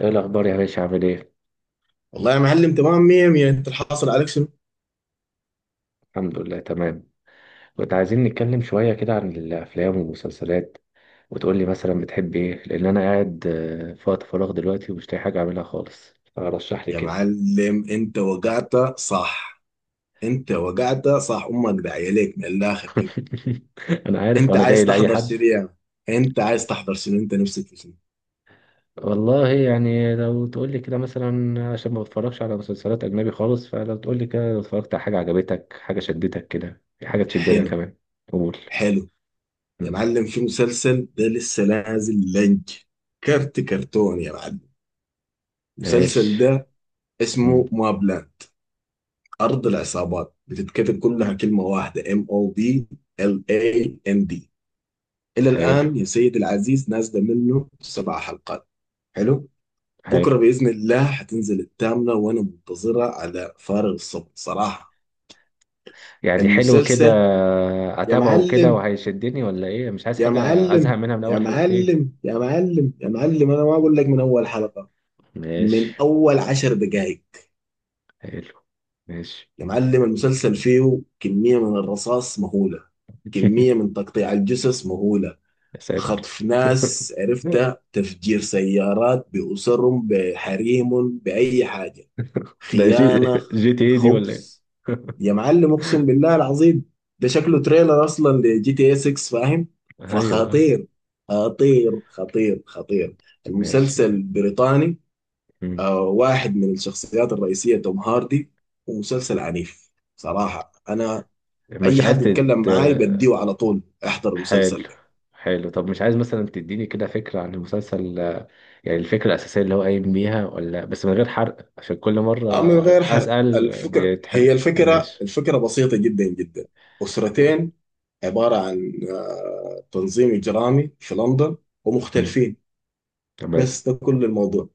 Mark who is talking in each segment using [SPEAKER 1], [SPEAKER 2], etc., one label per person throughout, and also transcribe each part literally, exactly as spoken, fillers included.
[SPEAKER 1] ايه الاخبار يا باشا عامل ايه؟
[SPEAKER 2] والله يا معلم، تمام مية مية. انت الحاصل عليك شنو؟
[SPEAKER 1] الحمد لله تمام. كنت عايزين نتكلم شويه كده عن الافلام والمسلسلات، وتقول لي مثلا بتحب ايه، لان انا قاعد آه، في وقت فراغ دلوقتي ومش لاقي حاجه اعملها خالص، فرشح لي
[SPEAKER 2] يا
[SPEAKER 1] كده.
[SPEAKER 2] معلم انت وقعت صح. انت وقعت صح، امك داعية ليك من الاخر كده.
[SPEAKER 1] انا عارف
[SPEAKER 2] انت
[SPEAKER 1] وانا جاي
[SPEAKER 2] عايز
[SPEAKER 1] لاي
[SPEAKER 2] تحضر
[SPEAKER 1] حد.
[SPEAKER 2] شنو يا مان؟ انت عايز تحضر شنو؟ انت نفسك في شنو؟
[SPEAKER 1] والله يعني لو تقول لي كده مثلا، عشان ما بتفرجش على مسلسلات اجنبي خالص، فلو تقول لي كده لو اتفرجت على حاجه عجبتك، حاجه شدتك كده، حاجه تشدني أنا
[SPEAKER 2] حلو.
[SPEAKER 1] كمان. قول.
[SPEAKER 2] حلو. يا
[SPEAKER 1] مم.
[SPEAKER 2] معلم، في مسلسل ده لسه نازل، لنج كرت كرتون يا معلم،
[SPEAKER 1] ماشي.
[SPEAKER 2] المسلسل ده
[SPEAKER 1] مم.
[SPEAKER 2] اسمه ما بلان، ارض العصابات، بتتكتب كلها كلمة واحدة، ام او بي ال اي ان دي. الى
[SPEAKER 1] حلو.
[SPEAKER 2] الان يا سيدي العزيز نازله منه سبع حلقات. حلو.
[SPEAKER 1] حلو.
[SPEAKER 2] بكره باذن الله هتنزل الثامنه، وانا منتظرها على فارغ الصبر صراحه.
[SPEAKER 1] يعني حلو كده
[SPEAKER 2] المسلسل، يا
[SPEAKER 1] اتابعه كده
[SPEAKER 2] معلم
[SPEAKER 1] وهيشدني، ولا ايه، مش عايز
[SPEAKER 2] يا
[SPEAKER 1] حاجة ازهق
[SPEAKER 2] معلم
[SPEAKER 1] منها من
[SPEAKER 2] يا
[SPEAKER 1] اول حلقتين؟
[SPEAKER 2] معلم يا معلم يا معلم انا ما اقول لك من اول حلقه،
[SPEAKER 1] ماشي.
[SPEAKER 2] من اول عشر دقائق.
[SPEAKER 1] حلو. ماشي.
[SPEAKER 2] يا معلم المسلسل فيه كميه من الرصاص مهوله، كميه من تقطيع الجثث مهوله،
[SPEAKER 1] يا ساتر.
[SPEAKER 2] خطف ناس عرفتها، تفجير سيارات بأسرهم بحريم بأي حاجة،
[SPEAKER 1] ده جي،
[SPEAKER 2] خيانة،
[SPEAKER 1] جي تي ايه دي ولا ايه؟
[SPEAKER 2] خبث. يا معلم اقسم بالله العظيم، ده شكله تريلر اصلا لجي تي اي ستة، فاهم؟
[SPEAKER 1] ايوه.
[SPEAKER 2] فخطير خطير خطير خطير.
[SPEAKER 1] ماشي.
[SPEAKER 2] المسلسل بريطاني.
[SPEAKER 1] مم.
[SPEAKER 2] آه واحد من الشخصيات الرئيسية توم هاردي، ومسلسل عنيف. صراحة انا
[SPEAKER 1] مش
[SPEAKER 2] اي
[SPEAKER 1] عايز
[SPEAKER 2] حد يتكلم
[SPEAKER 1] تت
[SPEAKER 2] معاي بديه على طول احضر
[SPEAKER 1] حلو
[SPEAKER 2] المسلسل ده.
[SPEAKER 1] حلو، طب مش عايز مثلا تديني كده فكرة عن المسلسل، آه، يعني الفكرة الأساسية اللي هو قايم بيها، ولا بس من غير حرق عشان كل مرة
[SPEAKER 2] آه، من غير حرق،
[SPEAKER 1] أسأل
[SPEAKER 2] الفكرة
[SPEAKER 1] بيتحرق؟
[SPEAKER 2] هي الفكرة،
[SPEAKER 1] ماشي.
[SPEAKER 2] الفكرة بسيطة جدا جدا. أسرتين عبارة عن آه، تنظيم إجرامي في لندن،
[SPEAKER 1] مم.
[SPEAKER 2] ومختلفين.
[SPEAKER 1] تمام.
[SPEAKER 2] بس ده كل الموضوع.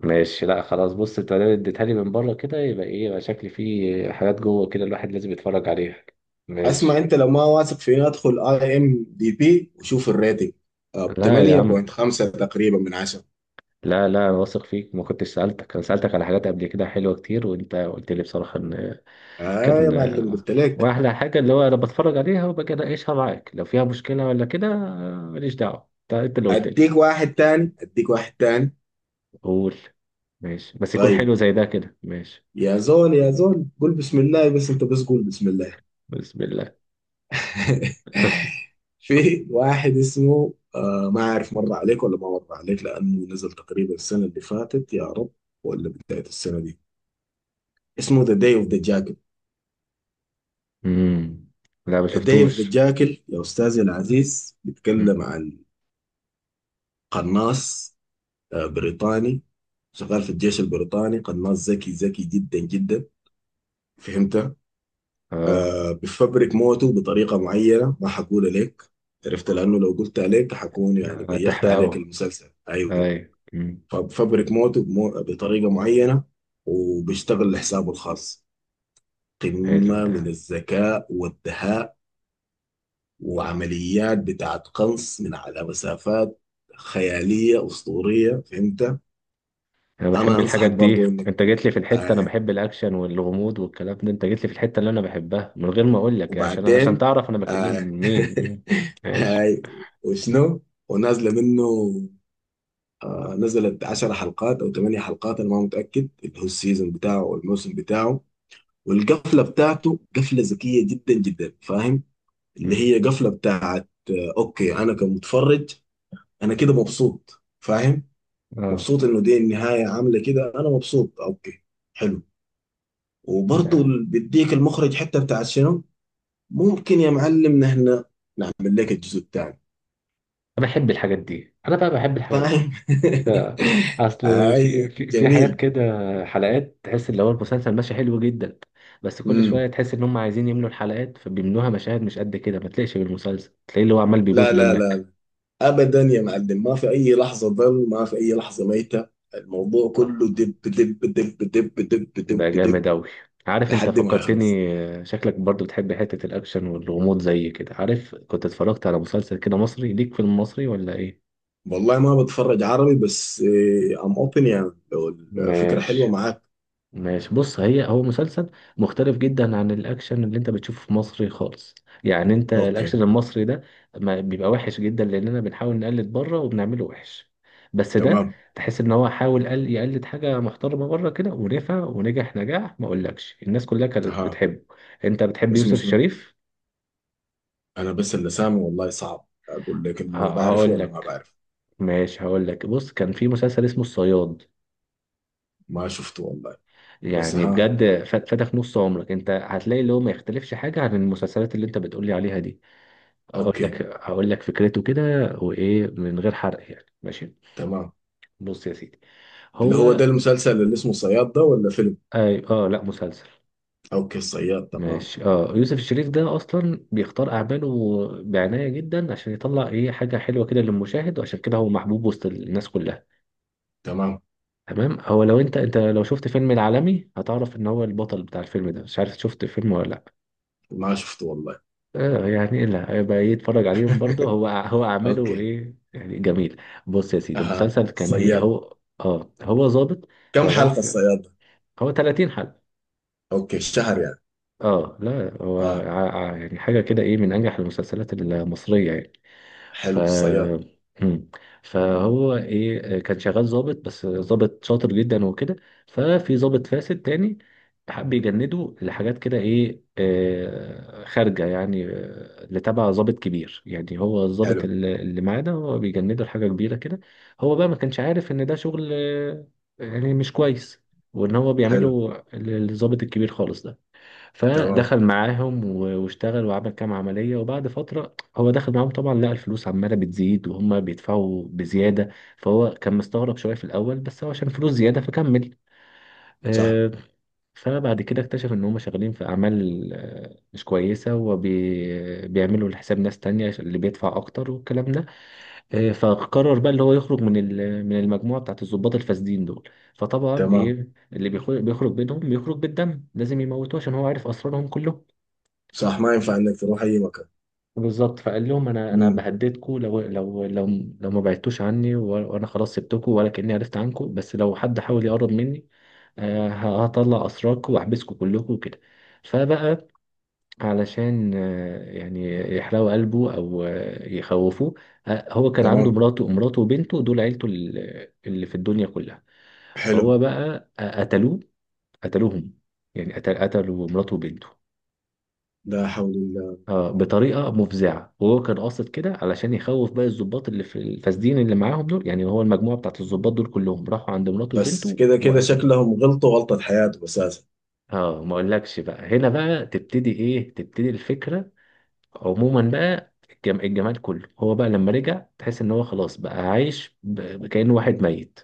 [SPEAKER 1] ماشي، لا خلاص، بص انت ما اديتها لي من بره كده، يبقى ايه، يبقى شكلي فيه حاجات جوه كده الواحد لازم يتفرج عليها.
[SPEAKER 2] اسمع،
[SPEAKER 1] ماشي.
[SPEAKER 2] انت لو ما واثق فيني ادخل اي ام دي بي وشوف الريتنج. طب
[SPEAKER 1] لا يا عم،
[SPEAKER 2] ثمانية ونص تقريبا من عشرة.
[SPEAKER 1] لا لا انا واثق فيك، ما كنتش سألتك، انا سألتك على حاجات قبل كده حلوة كتير، وانت قلت لي بصراحة ان
[SPEAKER 2] اه يا
[SPEAKER 1] كان،
[SPEAKER 2] معلم قلت لك.
[SPEAKER 1] واحلى حاجة اللي هو انا بتفرج عليها وبجي اناقشها معاك، لو فيها مشكلة ولا كده، آه، ماليش دعوة، انت انت اللي قلت لي.
[SPEAKER 2] اديك واحد تاني اديك واحد تاني
[SPEAKER 1] قول. ماشي، بس يكون
[SPEAKER 2] طيب
[SPEAKER 1] حلو زي ده كده، ماشي.
[SPEAKER 2] يا زول يا زول، قول بسم الله، بس انت بس قول بسم الله.
[SPEAKER 1] بسم الله.
[SPEAKER 2] في واحد اسمه آه ما عارف مر عليك ولا ما مر عليك، لانه نزل تقريبا السنه اللي فاتت يا رب، ولا بدايه السنه دي، اسمه ذا داي اوف ذا
[SPEAKER 1] امم، لا ما
[SPEAKER 2] ديف ذا
[SPEAKER 1] شفتوش.
[SPEAKER 2] جاكل يا أستاذي العزيز.
[SPEAKER 1] مم.
[SPEAKER 2] بيتكلم عن قناص آه، بريطاني، شغال في الجيش البريطاني. قناص ذكي ذكي جدا جدا، فهمت؟
[SPEAKER 1] اه.
[SPEAKER 2] بفبرك موته بطريقة معينة، ما حقول لك، عرفت لأنه لو قلت عليك حكون يعني بيخت عليك
[SPEAKER 1] هتحرقه.
[SPEAKER 2] المسلسل. أيوه.
[SPEAKER 1] ايوه. مم.
[SPEAKER 2] فبفبرك موته بمو... بطريقة معينة، وبيشتغل لحسابه الخاص.
[SPEAKER 1] حلو
[SPEAKER 2] قمة
[SPEAKER 1] ده.
[SPEAKER 2] من الذكاء والدهاء. وعمليات بتاعت قنص من على مسافات خيالية أسطورية، فهمت؟
[SPEAKER 1] انا
[SPEAKER 2] أنا
[SPEAKER 1] بحب الحاجات
[SPEAKER 2] أنصحك
[SPEAKER 1] دي،
[SPEAKER 2] برضو إنك
[SPEAKER 1] انت جيت لي في الحته، انا
[SPEAKER 2] آه.
[SPEAKER 1] بحب الاكشن والغموض والكلام ده، انت جيت لي في الحته اللي انا بحبها من غير ما اقول لك، يعني، عشان عشان
[SPEAKER 2] وبعدين
[SPEAKER 1] تعرف انا بكلم
[SPEAKER 2] آه.
[SPEAKER 1] مين. مم. ماشي.
[SPEAKER 2] هاي، وشنو، ونازلة منه آه نزلت عشر حلقات أو ثمانية حلقات، أنا ما متأكد، اللي هو السيزون بتاعه والموسم بتاعه. والقفلة بتاعته قفلة ذكية جدا جدا، فاهم؟ اللي
[SPEAKER 1] مم.
[SPEAKER 2] هي قفلة بتاعت آه أوكي أنا كمتفرج. أنا كده مبسوط، فاهم؟
[SPEAKER 1] اه.
[SPEAKER 2] مبسوط انه دي النهايه عامله كده، انا مبسوط، اوكي. حلو. وبرضه
[SPEAKER 1] لا.
[SPEAKER 2] بيديك المخرج حتى بتاعت شنو. ممكن يا معلم نحن نعمل لك الجزء الثاني،
[SPEAKER 1] انا بحب الحاجات دي، انا بقى بحب الحاجات دي
[SPEAKER 2] فاهم؟
[SPEAKER 1] آه. اصل في
[SPEAKER 2] اي
[SPEAKER 1] في في حاجات
[SPEAKER 2] جميل.
[SPEAKER 1] كده، حلقات تحس اللي هو المسلسل ماشي حلو جدا، بس كل
[SPEAKER 2] امم
[SPEAKER 1] شويه تحس ان هم عايزين يملوا الحلقات فبيملوها مشاهد مش قد كده، ما تلاقيش بالمسلسل تلاقيه اللي هو عمال
[SPEAKER 2] لا
[SPEAKER 1] بيبوظ
[SPEAKER 2] لا لا
[SPEAKER 1] منك.
[SPEAKER 2] لا. ابدا يا معلم، ما في اي لحظه ضل، ما في اي لحظه ميته. الموضوع
[SPEAKER 1] طب.
[SPEAKER 2] كله دب دب دب دب دب
[SPEAKER 1] ده
[SPEAKER 2] دب دب
[SPEAKER 1] جامد أوي. عارف انت
[SPEAKER 2] لحد ما يخلص.
[SPEAKER 1] فكرتني، آه، شكلك برضو بتحب حتة الأكشن والغموض زي كده. عارف كنت اتفرجت على مسلسل كده مصري ليك في المصري ولا ايه؟
[SPEAKER 2] والله ما بتفرج عربي، بس ام اوبن، يعني لو الفكره حلوه
[SPEAKER 1] ماشي.
[SPEAKER 2] معاك.
[SPEAKER 1] ماشي، بص، هي هو مسلسل مختلف جدا عن الأكشن اللي انت بتشوفه في مصر خالص. يعني انت
[SPEAKER 2] اوكي،
[SPEAKER 1] الأكشن المصري ده ما بيبقى وحش جدا لأننا بنحاول نقلد بره وبنعمله وحش، بس ده
[SPEAKER 2] تمام،
[SPEAKER 1] تحس ان هو حاول قل- يقلد حاجة محترمة بره كده، ونفع ونجح نجاح ما اقولكش، الناس كلها كانت
[SPEAKER 2] اها.
[SPEAKER 1] بتحبه. انت بتحب
[SPEAKER 2] اسمه
[SPEAKER 1] يوسف
[SPEAKER 2] شنو؟
[SPEAKER 1] الشريف؟
[SPEAKER 2] انا بس اللي سامع، والله صعب اقول لك
[SPEAKER 1] ه-
[SPEAKER 2] انه بعرفه
[SPEAKER 1] هقول
[SPEAKER 2] ولا ما
[SPEAKER 1] لك.
[SPEAKER 2] بعرفه.
[SPEAKER 1] ماشي هقول لك، بص كان في مسلسل اسمه الصياد،
[SPEAKER 2] ما شفته والله. بس،
[SPEAKER 1] يعني
[SPEAKER 2] ها.
[SPEAKER 1] بجد ف- فاتك نص عمرك، انت هتلاقي اللي هو ما يختلفش حاجه عن المسلسلات اللي انت بتقولي عليها دي. اقول
[SPEAKER 2] اوكي
[SPEAKER 1] لك، هقول لك فكرته كده، وايه من غير حرق يعني، ماشي.
[SPEAKER 2] تمام.
[SPEAKER 1] بص يا سيدي،
[SPEAKER 2] اللي هو
[SPEAKER 1] هو
[SPEAKER 2] ده المسلسل اللي اسمه صياد ده، ولا فيلم؟
[SPEAKER 1] اي اه لا مسلسل.
[SPEAKER 2] اوكي الصياد تمام
[SPEAKER 1] ماشي، اه. يوسف الشريف ده اصلا بيختار اعماله بعنايه جدا عشان يطلع ايه، حاجه حلوه كده للمشاهد، وعشان كده هو محبوب وسط الناس كلها.
[SPEAKER 2] تمام
[SPEAKER 1] تمام، هو لو انت انت لو شفت فيلم العالمي هتعرف ان هو البطل بتاع الفيلم ده، مش عارف شفت فيلم ولا لا.
[SPEAKER 2] ما شفته والله.
[SPEAKER 1] آه، يعني لا هيبقى ايه، اتفرج عليهم برضه، هو هو اعماله
[SPEAKER 2] اوكي،
[SPEAKER 1] ايه يعني، جميل. بص يا سيدي،
[SPEAKER 2] اها
[SPEAKER 1] المسلسل كان ايه،
[SPEAKER 2] الصياد،
[SPEAKER 1] هو اه هو ظابط
[SPEAKER 2] كم
[SPEAKER 1] شغال
[SPEAKER 2] حلقة
[SPEAKER 1] في،
[SPEAKER 2] الصياد ده؟
[SPEAKER 1] هو ثلاثين حلقة.
[SPEAKER 2] اوكي الشهر يعني.
[SPEAKER 1] اه لا هو
[SPEAKER 2] اه.
[SPEAKER 1] ع- ع- يعني حاجة كده ايه، من انجح المسلسلات المصرية يعني. ف
[SPEAKER 2] حلو الصياد.
[SPEAKER 1] مم. فهو ايه كان شغال ظابط، بس ظابط شاطر جدا وكده. ففي ظابط فاسد تاني حب يجنده لحاجات كده ايه، آه، خارجه يعني، آه، اللي تبع ظابط كبير، يعني هو الظابط
[SPEAKER 2] حلو.
[SPEAKER 1] اللي اللي معاه ده، هو بيجنده لحاجه كبيره كده. هو بقى ما كانش عارف ان ده شغل آه، يعني مش كويس، وان هو
[SPEAKER 2] حلو.
[SPEAKER 1] بيعمله للظابط الكبير خالص ده.
[SPEAKER 2] تمام.
[SPEAKER 1] فدخل معاهم و- واشتغل وعمل كام عملية، وبعد فترة هو دخل معاهم طبعا، لقى الفلوس عمالة بتزيد وهم بيدفعوا بزيادة. فهو كان مستغرب شوية في الأول، بس هو عشان فلوس زيادة فكمل.
[SPEAKER 2] صح.
[SPEAKER 1] آه، فبعد كده اكتشف إن هم شغالين في أعمال آه، مش كويسة، وبيعملوا لحساب ناس تانية اللي بيدفع أكتر والكلام ده. آه، فقرر بقى اللي هو يخرج من ال- من المجموعة بتاعت الضباط الفاسدين دول. فطبعا
[SPEAKER 2] تمام.
[SPEAKER 1] إيه اللي بيخرج، بيخرج بينهم بيخرج بالدم، لازم يموتوه عشان هو عارف أسرارهم كلهم.
[SPEAKER 2] صح ما ينفع انك تروح اي مكان.
[SPEAKER 1] بالظبط. فقال لهم انا، انا
[SPEAKER 2] امم.
[SPEAKER 1] بهددكم لو لو لو لو ما بعدتوش عني، و- وانا خلاص سبتكم، ولا كاني عرفت عنكم، بس لو حد حاول يقرب مني، آه، هطلع اسراركم واحبسكم كلكم وكده. فبقى علشان آه، يعني يحرقوا قلبه او آه، يخوفوه، آه، هو كان عنده
[SPEAKER 2] تمام.
[SPEAKER 1] مراته، مراته وبنته دول عيلته ال- اللي في الدنيا كلها.
[SPEAKER 2] حلو.
[SPEAKER 1] فهو بقى آه، قتلوه، قتلوهم، يعني قتل- قتلوا مراته وبنته
[SPEAKER 2] لا حول.
[SPEAKER 1] آه، بطريقه مفزعه، وهو كان قاصد كده علشان يخوف باقي الضباط اللي في الفاسدين اللي معاهم دول، يعني هو المجموعه بتاعت الضباط دول كلهم راحوا عند مراته
[SPEAKER 2] بس
[SPEAKER 1] وبنته
[SPEAKER 2] كده كده
[SPEAKER 1] وقتلوهم.
[SPEAKER 2] شكلهم غلطوا غلطة حياته أساسا.
[SPEAKER 1] اه، ما اقولكش بقى، هنا بقى تبتدي ايه، تبتدي الفكره. عموما بقى، الجم... الجمال كله هو بقى لما رجع، تحس ان هو خلاص بقى عايش ب... كأنه واحد ميت.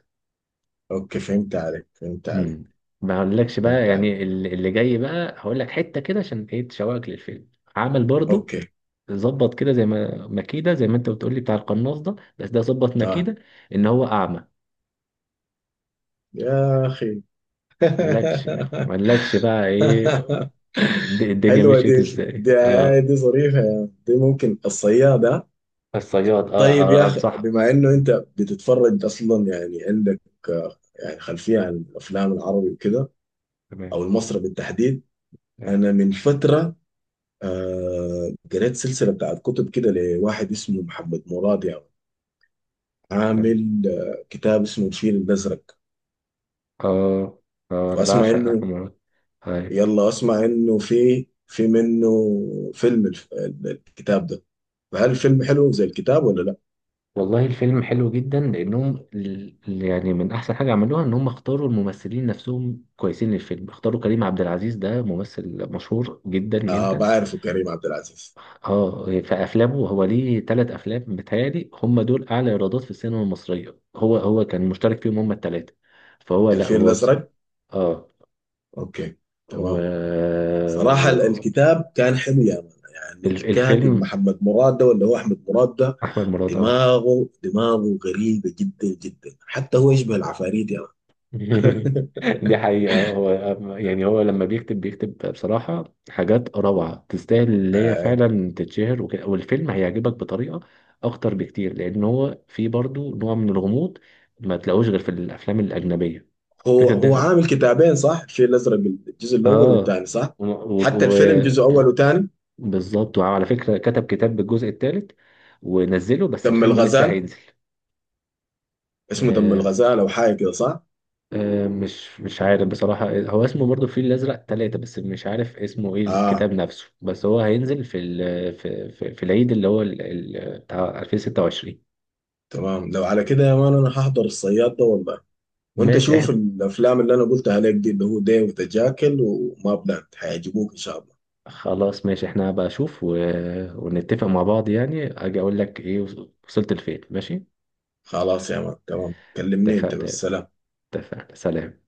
[SPEAKER 2] أوكي فهمت عليك، فهمت عليك،
[SPEAKER 1] امم. ما اقولكش بقى،
[SPEAKER 2] فهمت عليك.
[SPEAKER 1] يعني ال- اللي جاي بقى هقول لك حته كده عشان ايه، تشوقك للفيلم. عمل برضو
[SPEAKER 2] أوكي.
[SPEAKER 1] ظبط كده زي ما، مكيده زي ما انت بتقولي بتاع القناص ده، بس ده ظبط
[SPEAKER 2] آه
[SPEAKER 1] مكيده ان هو اعمى.
[SPEAKER 2] يا أخي.
[SPEAKER 1] ملكش، ملكش بقى ايه، الد- الدنيا
[SPEAKER 2] حلوة
[SPEAKER 1] مشيت
[SPEAKER 2] دي.
[SPEAKER 1] ازاي،
[SPEAKER 2] دي
[SPEAKER 1] اه.
[SPEAKER 2] دي ظريفة يا عم. دي ممكن الصيادة.
[SPEAKER 1] الصياد اه.
[SPEAKER 2] طيب
[SPEAKER 1] آه،
[SPEAKER 2] يا أخي، بما
[SPEAKER 1] انصحك.
[SPEAKER 2] إنه أنت بتتفرج أصلا، يعني عندك آه، يعني خلفية عن الأفلام العربي وكده،
[SPEAKER 1] تمام.
[SPEAKER 2] أو المصري بالتحديد.
[SPEAKER 1] ايوه.
[SPEAKER 2] أنا من فترة آه قريت سلسلة بتاعت كتب كده لواحد اسمه محمد مراد، يعني
[SPEAKER 1] تمام.
[SPEAKER 2] عامل آه، كتاب اسمه الفيل الأزرق.
[SPEAKER 1] اه. اه انا
[SPEAKER 2] وأسمع
[SPEAKER 1] بعشق
[SPEAKER 2] إنه،
[SPEAKER 1] احمد مراد. ايوه.
[SPEAKER 2] يلا أسمع إنه في في منه فيلم الف- ال- الكتاب ده، فهل الفيلم حلو زي الكتاب ولا لا؟
[SPEAKER 1] والله الفيلم حلو جدا لانهم ال- يعني من احسن حاجه عملوها ان هم اختاروا الممثلين نفسهم كويسين للفيلم، اختاروا كريم عبد العزيز، ده ممثل مشهور جدا
[SPEAKER 2] آه
[SPEAKER 1] جدا.
[SPEAKER 2] بعرفه كريم عبد العزيز.
[SPEAKER 1] اه، في افلامه هو ليه ثلاث افلام بتهيألي هم دول اعلى ايرادات في السينما المصريه، هو هو كان مشترك فيهم هم الثلاثه. فهو لا
[SPEAKER 2] الفيل
[SPEAKER 1] هو بصراحه
[SPEAKER 2] الأزرق.
[SPEAKER 1] اه.
[SPEAKER 2] أوكي.
[SPEAKER 1] و...
[SPEAKER 2] تمام. صراحة ال-
[SPEAKER 1] و...
[SPEAKER 2] الكتاب كان حلو يا مان، يعني
[SPEAKER 1] ال-
[SPEAKER 2] الكاتب
[SPEAKER 1] الفيلم،
[SPEAKER 2] محمد مراد ده، ولا هو أحمد مراد ده؟
[SPEAKER 1] احمد مراد اه.
[SPEAKER 2] دماغه دماغه غريبة جدا جدا، حتى هو يشبه العفاريت يا مان.
[SPEAKER 1] دي حقيقة هو، يعني هو لما بيكتب بيكتب بصراحة حاجات روعة تستاهل اللي هي فعلا تتشهر وكده، والفيلم هيعجبك بطريقة أكتر بكتير، لأن هو فيه برضو نوع من الغموض ما تلاقوش غير في الأفلام الأجنبية.
[SPEAKER 2] هو
[SPEAKER 1] فكرة
[SPEAKER 2] هو
[SPEAKER 1] ده
[SPEAKER 2] عامل كتابين صح؟ الفيل الازرق الجزء الاول
[SPEAKER 1] اه،
[SPEAKER 2] والثاني صح؟ حتى الفيلم جزء
[SPEAKER 1] وبالظبط.
[SPEAKER 2] اول وثاني.
[SPEAKER 1] وعلى فكرة كتب كتاب بالجزء الثالث ونزله، بس
[SPEAKER 2] دم
[SPEAKER 1] الفيلم لسه
[SPEAKER 2] الغزال،
[SPEAKER 1] هينزل.
[SPEAKER 2] اسمه دم
[SPEAKER 1] آه.
[SPEAKER 2] الغزال او حاجه كده صح؟
[SPEAKER 1] آه مش مش عارف بصراحة، هو اسمه برضه الفيل الأزرق ثلاثة، بس مش عارف اسمه ايه
[SPEAKER 2] اه
[SPEAKER 1] الكتاب نفسه، بس هو هينزل في ال في, في, في العيد اللي هو ال- ال- بتاع ألفين وستة وعشرين.
[SPEAKER 2] تمام، لو على كده يا مان انا هحضر الصياد ده والله. وانت
[SPEAKER 1] ماشي،
[SPEAKER 2] شوف
[SPEAKER 1] احنا
[SPEAKER 2] الافلام اللي انا قلتها عليك دي، اللي هو ديف وتجاكل وما بلاند، هيعجبوك ان شاء الله.
[SPEAKER 1] خلاص، ماشي احنا هبقى اشوف و... ونتفق مع بعض يعني، اجي اقول لك ايه، وصلت لفين، ماشي.
[SPEAKER 2] خلاص يا مان تمام، كلمني انت بس،
[SPEAKER 1] اتفقنا.
[SPEAKER 2] سلام.
[SPEAKER 1] اتفقنا، سلام.